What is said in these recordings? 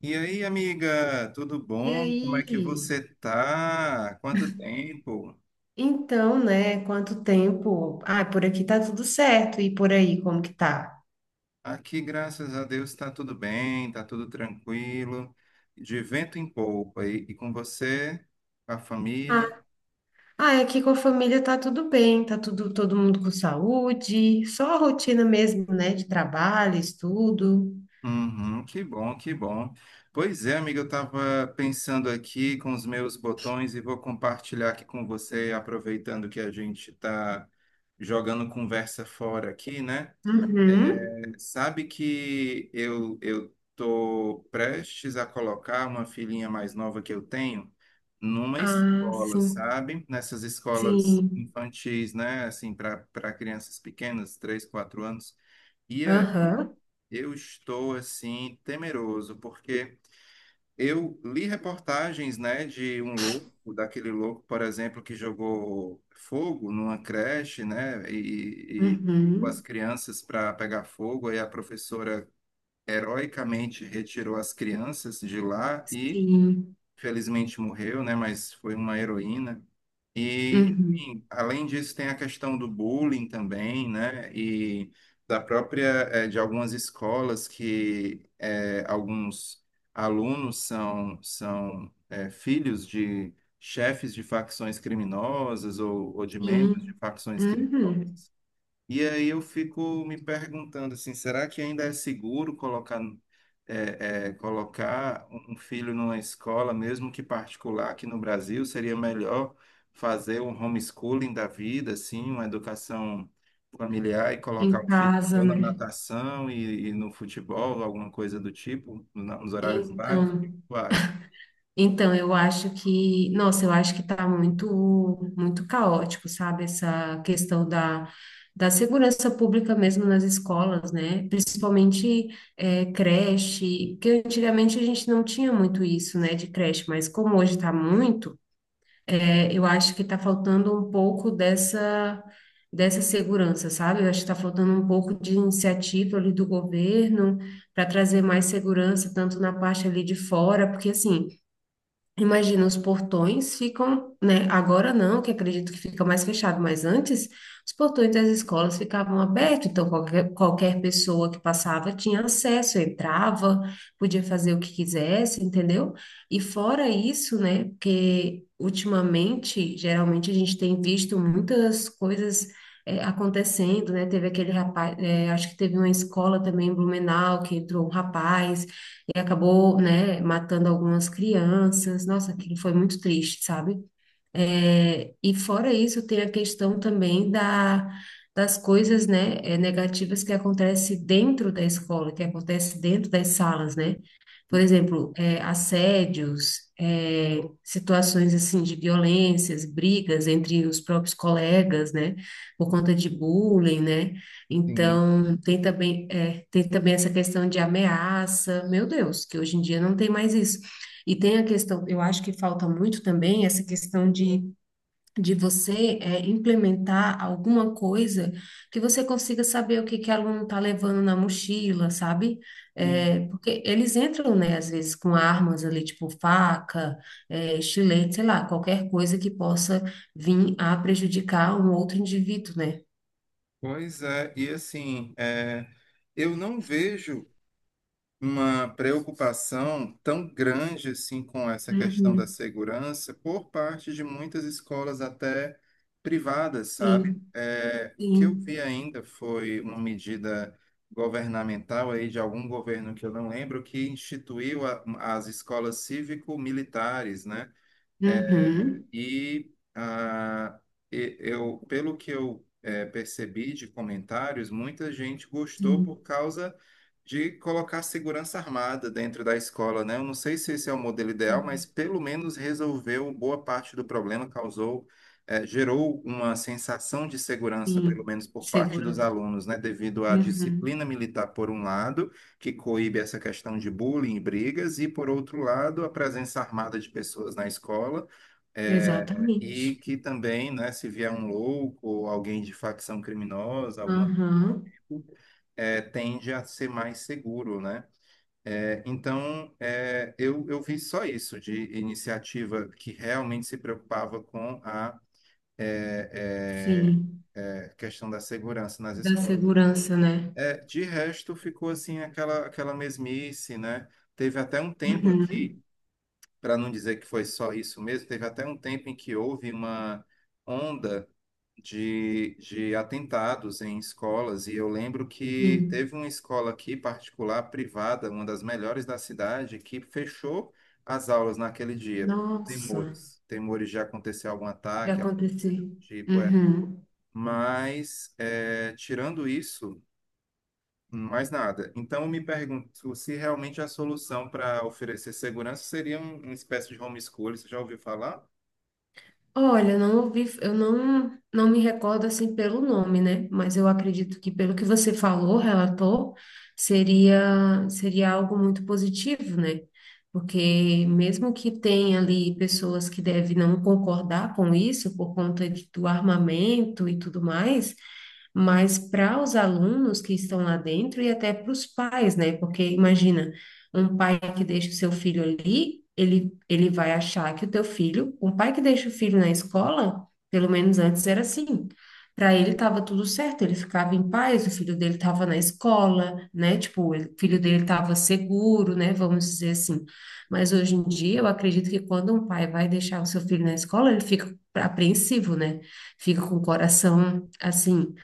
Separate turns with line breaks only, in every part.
E aí, amiga, tudo
E
bom? Como é que
aí?
você tá? Quanto tempo?
Então, né? Quanto tempo? Ah, por aqui tá tudo certo. E por aí, como que tá?
Aqui, graças a Deus, está tudo bem, está tudo tranquilo, de vento em polpa. E com você, a
Ah,
família?
ah, aqui com a família tá tudo bem, tá tudo, todo mundo com saúde, só a rotina mesmo, né? De trabalho, estudo.
Uhum, que bom, que bom. Pois é, amiga, eu estava pensando aqui com os meus botões e vou compartilhar aqui com você, aproveitando que a gente está jogando conversa fora aqui, né?
Uhum.
Sabe que eu tô prestes a colocar uma filhinha mais nova que eu tenho numa
Ah,
escola,
sim,
sabe? Nessas escolas
sim.
infantis, né? Assim, para crianças pequenas, 3 4 anos. E é,
Aham.
eu estou assim temeroso porque eu li reportagens, né, de um louco, daquele louco, por exemplo, que jogou fogo numa creche, né? E com as
Uhum.
crianças para pegar fogo, e a professora heroicamente retirou as crianças de lá e,
Sim.
felizmente, morreu, né? Mas foi uma heroína. E,
Uhum.
enfim, além disso, tem a questão do bullying também, né? E da própria, de algumas escolas que alguns alunos são, são filhos de chefes de facções criminosas ou de membros de
Sim.
facções criminosas.
Uhum.
E aí eu fico me perguntando assim, será que ainda é seguro colocar, colocar um filho numa escola, mesmo que particular aqui no Brasil? Seria melhor fazer um homeschooling da vida, assim, uma educação familiar e
Em
colocar o filho
casa,
ou na
né?
natação e no futebol, alguma coisa do tipo, nos horários vagos? O que
Então.
tu acha?
Então, eu acho que, nossa, eu acho que está muito, muito caótico, sabe? Essa questão da segurança pública mesmo nas escolas, né? Principalmente creche, porque antigamente a gente não tinha muito isso, né, de creche, mas como hoje está muito, eu acho que está faltando um pouco dessa, dessa segurança, sabe? Eu acho que está faltando um pouco de iniciativa ali do governo para trazer mais segurança, tanto na parte ali de fora, porque assim. Imagina, os portões ficam, né? Agora não, que acredito que fica mais fechado, mas antes os portões das escolas ficavam abertos, então qualquer, qualquer pessoa que passava tinha acesso, entrava, podia fazer o que quisesse, entendeu? E fora isso, né? Porque ultimamente, geralmente a gente tem visto muitas coisas acontecendo, né? Teve aquele rapaz, é, acho que teve uma escola também em Blumenau que entrou um rapaz e acabou, né, matando algumas crianças. Nossa, aquilo foi muito triste, sabe? É, e fora isso, tem a questão também da, das coisas, né, negativas que acontecem dentro da escola, que acontece dentro das salas, né? Por exemplo, assédios, situações assim de violências, brigas entre os próprios colegas, né? Por conta de bullying, né?
Sim,
Então, tem também, é, tem também essa questão de ameaça. Meu Deus, que hoje em dia não tem mais isso. E tem a questão, eu acho que falta muito também essa questão de você implementar alguma coisa que você consiga saber o que que o aluno está levando na mochila, sabe?
sim.
É, porque eles entram, né, às vezes com armas ali, tipo faca, estilete, sei lá, qualquer coisa que possa vir a prejudicar um outro indivíduo, né?
Pois é, e assim, eu não vejo uma preocupação tão grande assim com essa questão da
Uhum,
segurança por parte de muitas escolas até privadas, sabe?
sim,
É, o que eu
sim.
vi ainda foi uma medida governamental aí de algum governo que eu não lembro que instituiu as escolas cívico-militares, né?
Uhum,
E eu, pelo que eu percebi de comentários, muita gente gostou
sim,
por causa de colocar segurança armada dentro da escola, né? Eu não sei se esse é o modelo ideal, mas
uhum,
pelo menos resolveu boa parte do problema, gerou uma sensação de segurança, pelo
sim.
menos por parte dos
Segurança.
alunos, né? Devido à
Uhum,
disciplina militar, por um lado, que coíbe essa questão de bullying e brigas, e por outro lado, a presença armada de pessoas na escola e
exatamente.
que também, né, se vier um louco ou alguém de facção criminosa, alguma,
Aham,
tende a ser mais seguro, né? É, então, eu vi só isso de iniciativa que realmente se preocupava com a é,
sim.
questão da segurança nas
Da
escolas.
segurança, né?
É, de resto, ficou assim aquela mesmice, né? Teve até um tempo
Uhum.
aqui, para não dizer que foi só isso mesmo, teve até um tempo em que houve uma onda de atentados em escolas, e eu lembro que
Sim.
teve uma escola aqui particular, privada, uma das melhores da cidade, que fechou as aulas naquele dia, por
Nossa,
temores, temores de acontecer algum
já
ataque, algum
aconteceu.
tipo.
Uhum.
Mas, tirando isso, mais nada. Então, eu me pergunto se realmente a solução para oferecer segurança seria uma espécie de homeschooling, você já ouviu falar?
Olha, eu não ouvi, eu não, não me recordo assim pelo nome, né? Mas eu acredito que pelo que você falou, relatou, seria algo muito positivo, né? Porque mesmo que tenha ali pessoas que devem não concordar com isso por conta de- do armamento e tudo mais, mas para os alunos que estão lá dentro e até para os pais, né? Porque imagina, um pai que deixa o seu filho ali, ele vai achar que o teu filho, um pai que deixa o filho na escola, pelo menos antes era assim. Para ele estava tudo certo, ele ficava em paz, o filho dele estava na escola, né? Tipo, ele- o filho dele estava seguro, né? Vamos dizer assim. Mas hoje em dia, eu acredito que quando um pai vai deixar o seu filho na escola, ele fica apreensivo, né? Fica com o coração assim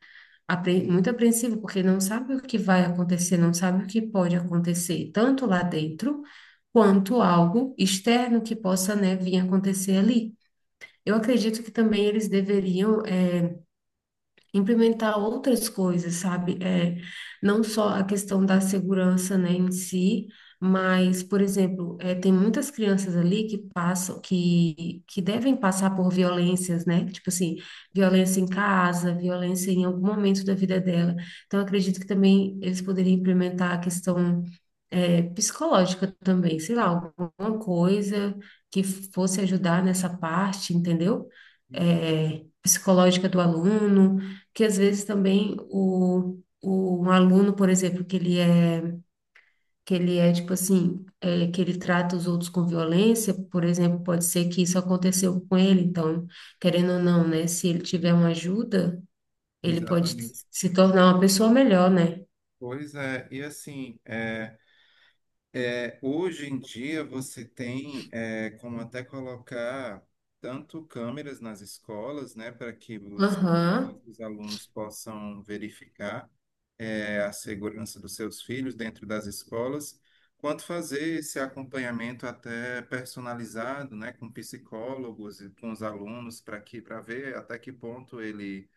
apre- muito apreensivo, porque não sabe o que vai acontecer, não sabe o que pode acontecer, tanto lá dentro, quanto algo externo que possa, né, vir acontecer ali. Eu acredito que também eles deveriam implementar outras coisas, sabe? É, não só a questão da segurança, né, em si, mas, por exemplo, tem muitas crianças ali que passam, que devem passar por violências, né? Tipo assim, violência em casa, violência em algum momento da vida dela. Então, eu acredito que também eles poderiam implementar a questão psicológica também, sei lá, alguma coisa que fosse ajudar nessa parte, entendeu?
Sim,
É, psicológica do aluno, que às vezes também o um aluno, por exemplo, que ele é tipo assim, é, que ele trata os outros com violência, por exemplo, pode ser que isso aconteceu com ele, então, querendo ou não, né, se ele
sim.
tiver uma ajuda, ele pode
Exatamente.
se tornar uma pessoa melhor, né?
Pois é, e assim, hoje em dia você tem como até colocar tanto câmeras nas escolas, né, para que os,
Aham,
os alunos possam verificar a segurança dos seus filhos dentro das escolas, quanto fazer esse acompanhamento até personalizado, né, com psicólogos e com os alunos para ver até que ponto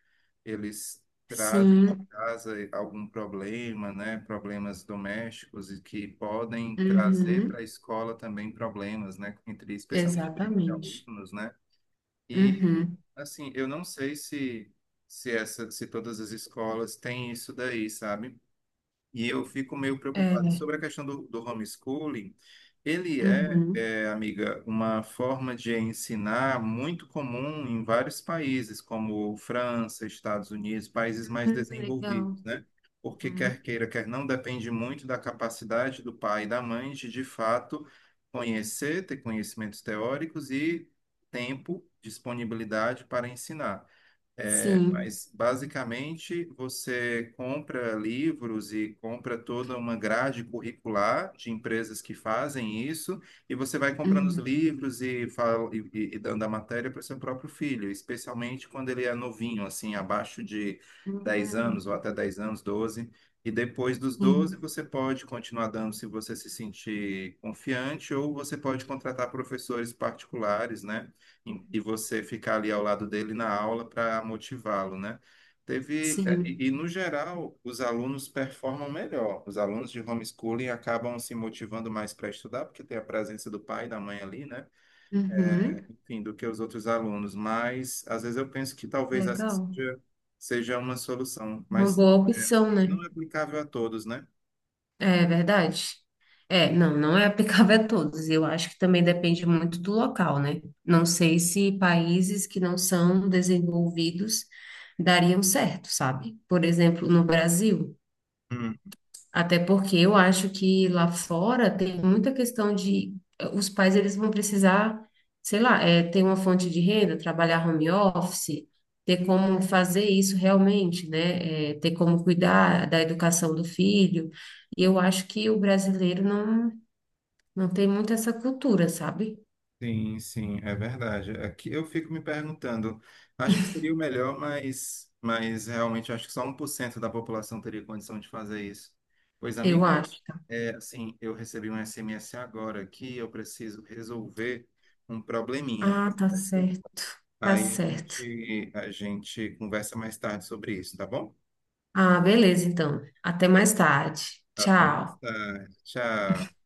eles trazem de
sim,
casa algum problema, né? Problemas domésticos e que podem trazer para
uhum,
a escola também problemas, né? Entre, especialmente briga de
exatamente.
alunos, né? E,
Uhum,
assim, eu não sei se todas as escolas têm isso daí, sabe? E eu fico meio preocupado. E
é,
sobre a questão do homeschooling, ele é,
uhum,
é, amiga, uma forma de ensinar muito comum em vários países, como França, Estados Unidos, países mais
hum, legal,
desenvolvidos, né? Porque quer
uhum,
queira, quer não, depende muito da capacidade do pai e da mãe de fato, conhecer, ter conhecimentos teóricos e tempo, disponibilidade para ensinar. É,
sim,
mas basicamente você compra livros e compra toda uma grade curricular de empresas que fazem isso, e você vai comprando os
uhum,
livros e, fala, e dando a matéria para o seu próprio filho, especialmente quando ele é novinho, assim, abaixo de 10
uhum,
anos ou até 10 anos, 12. E depois dos 12
sim,
você pode continuar dando se você se sentir confiante, ou você pode contratar professores particulares, né? E você ficar ali ao lado dele na aula para motivá-lo, né? Teve, é,
sim.
e, No geral, os alunos performam melhor. Os alunos de homeschooling acabam se motivando mais para estudar, porque tem a presença do pai e da mãe ali, né?
Uhum,
É, enfim, do que os outros alunos. Mas, às vezes, eu penso que talvez essa
legal.
seja uma solução,
Uma
mas,
boa opção,
mas
né?
não é aplicável a todos, né?
É verdade. É, não, não é aplicável a todos. Eu acho que também depende muito do local, né? Não sei se países que não são desenvolvidos dariam certo, sabe? Por exemplo, no Brasil. Até porque eu acho que lá fora tem muita questão de os pais eles vão precisar, sei lá, ter uma fonte de renda, trabalhar home office, ter como fazer isso realmente, né? É, ter como cuidar da educação do filho. E eu acho que o brasileiro não, não tem muito essa cultura, sabe?
Sim, sim, é verdade. Aqui eu fico me perguntando, acho que seria o melhor, mas realmente acho que só 1% da população teria condição de fazer isso. Pois,
Eu
amiga,
acho.
assim, eu recebi um SMS agora que eu preciso resolver um probleminha.
Ah, tá certo. Tá
Aí a
certo.
gente, a gente conversa mais tarde sobre isso, tá bom?
Ah, beleza, então. Até mais tarde.
Até mais
Tchau.
tarde. Tchau.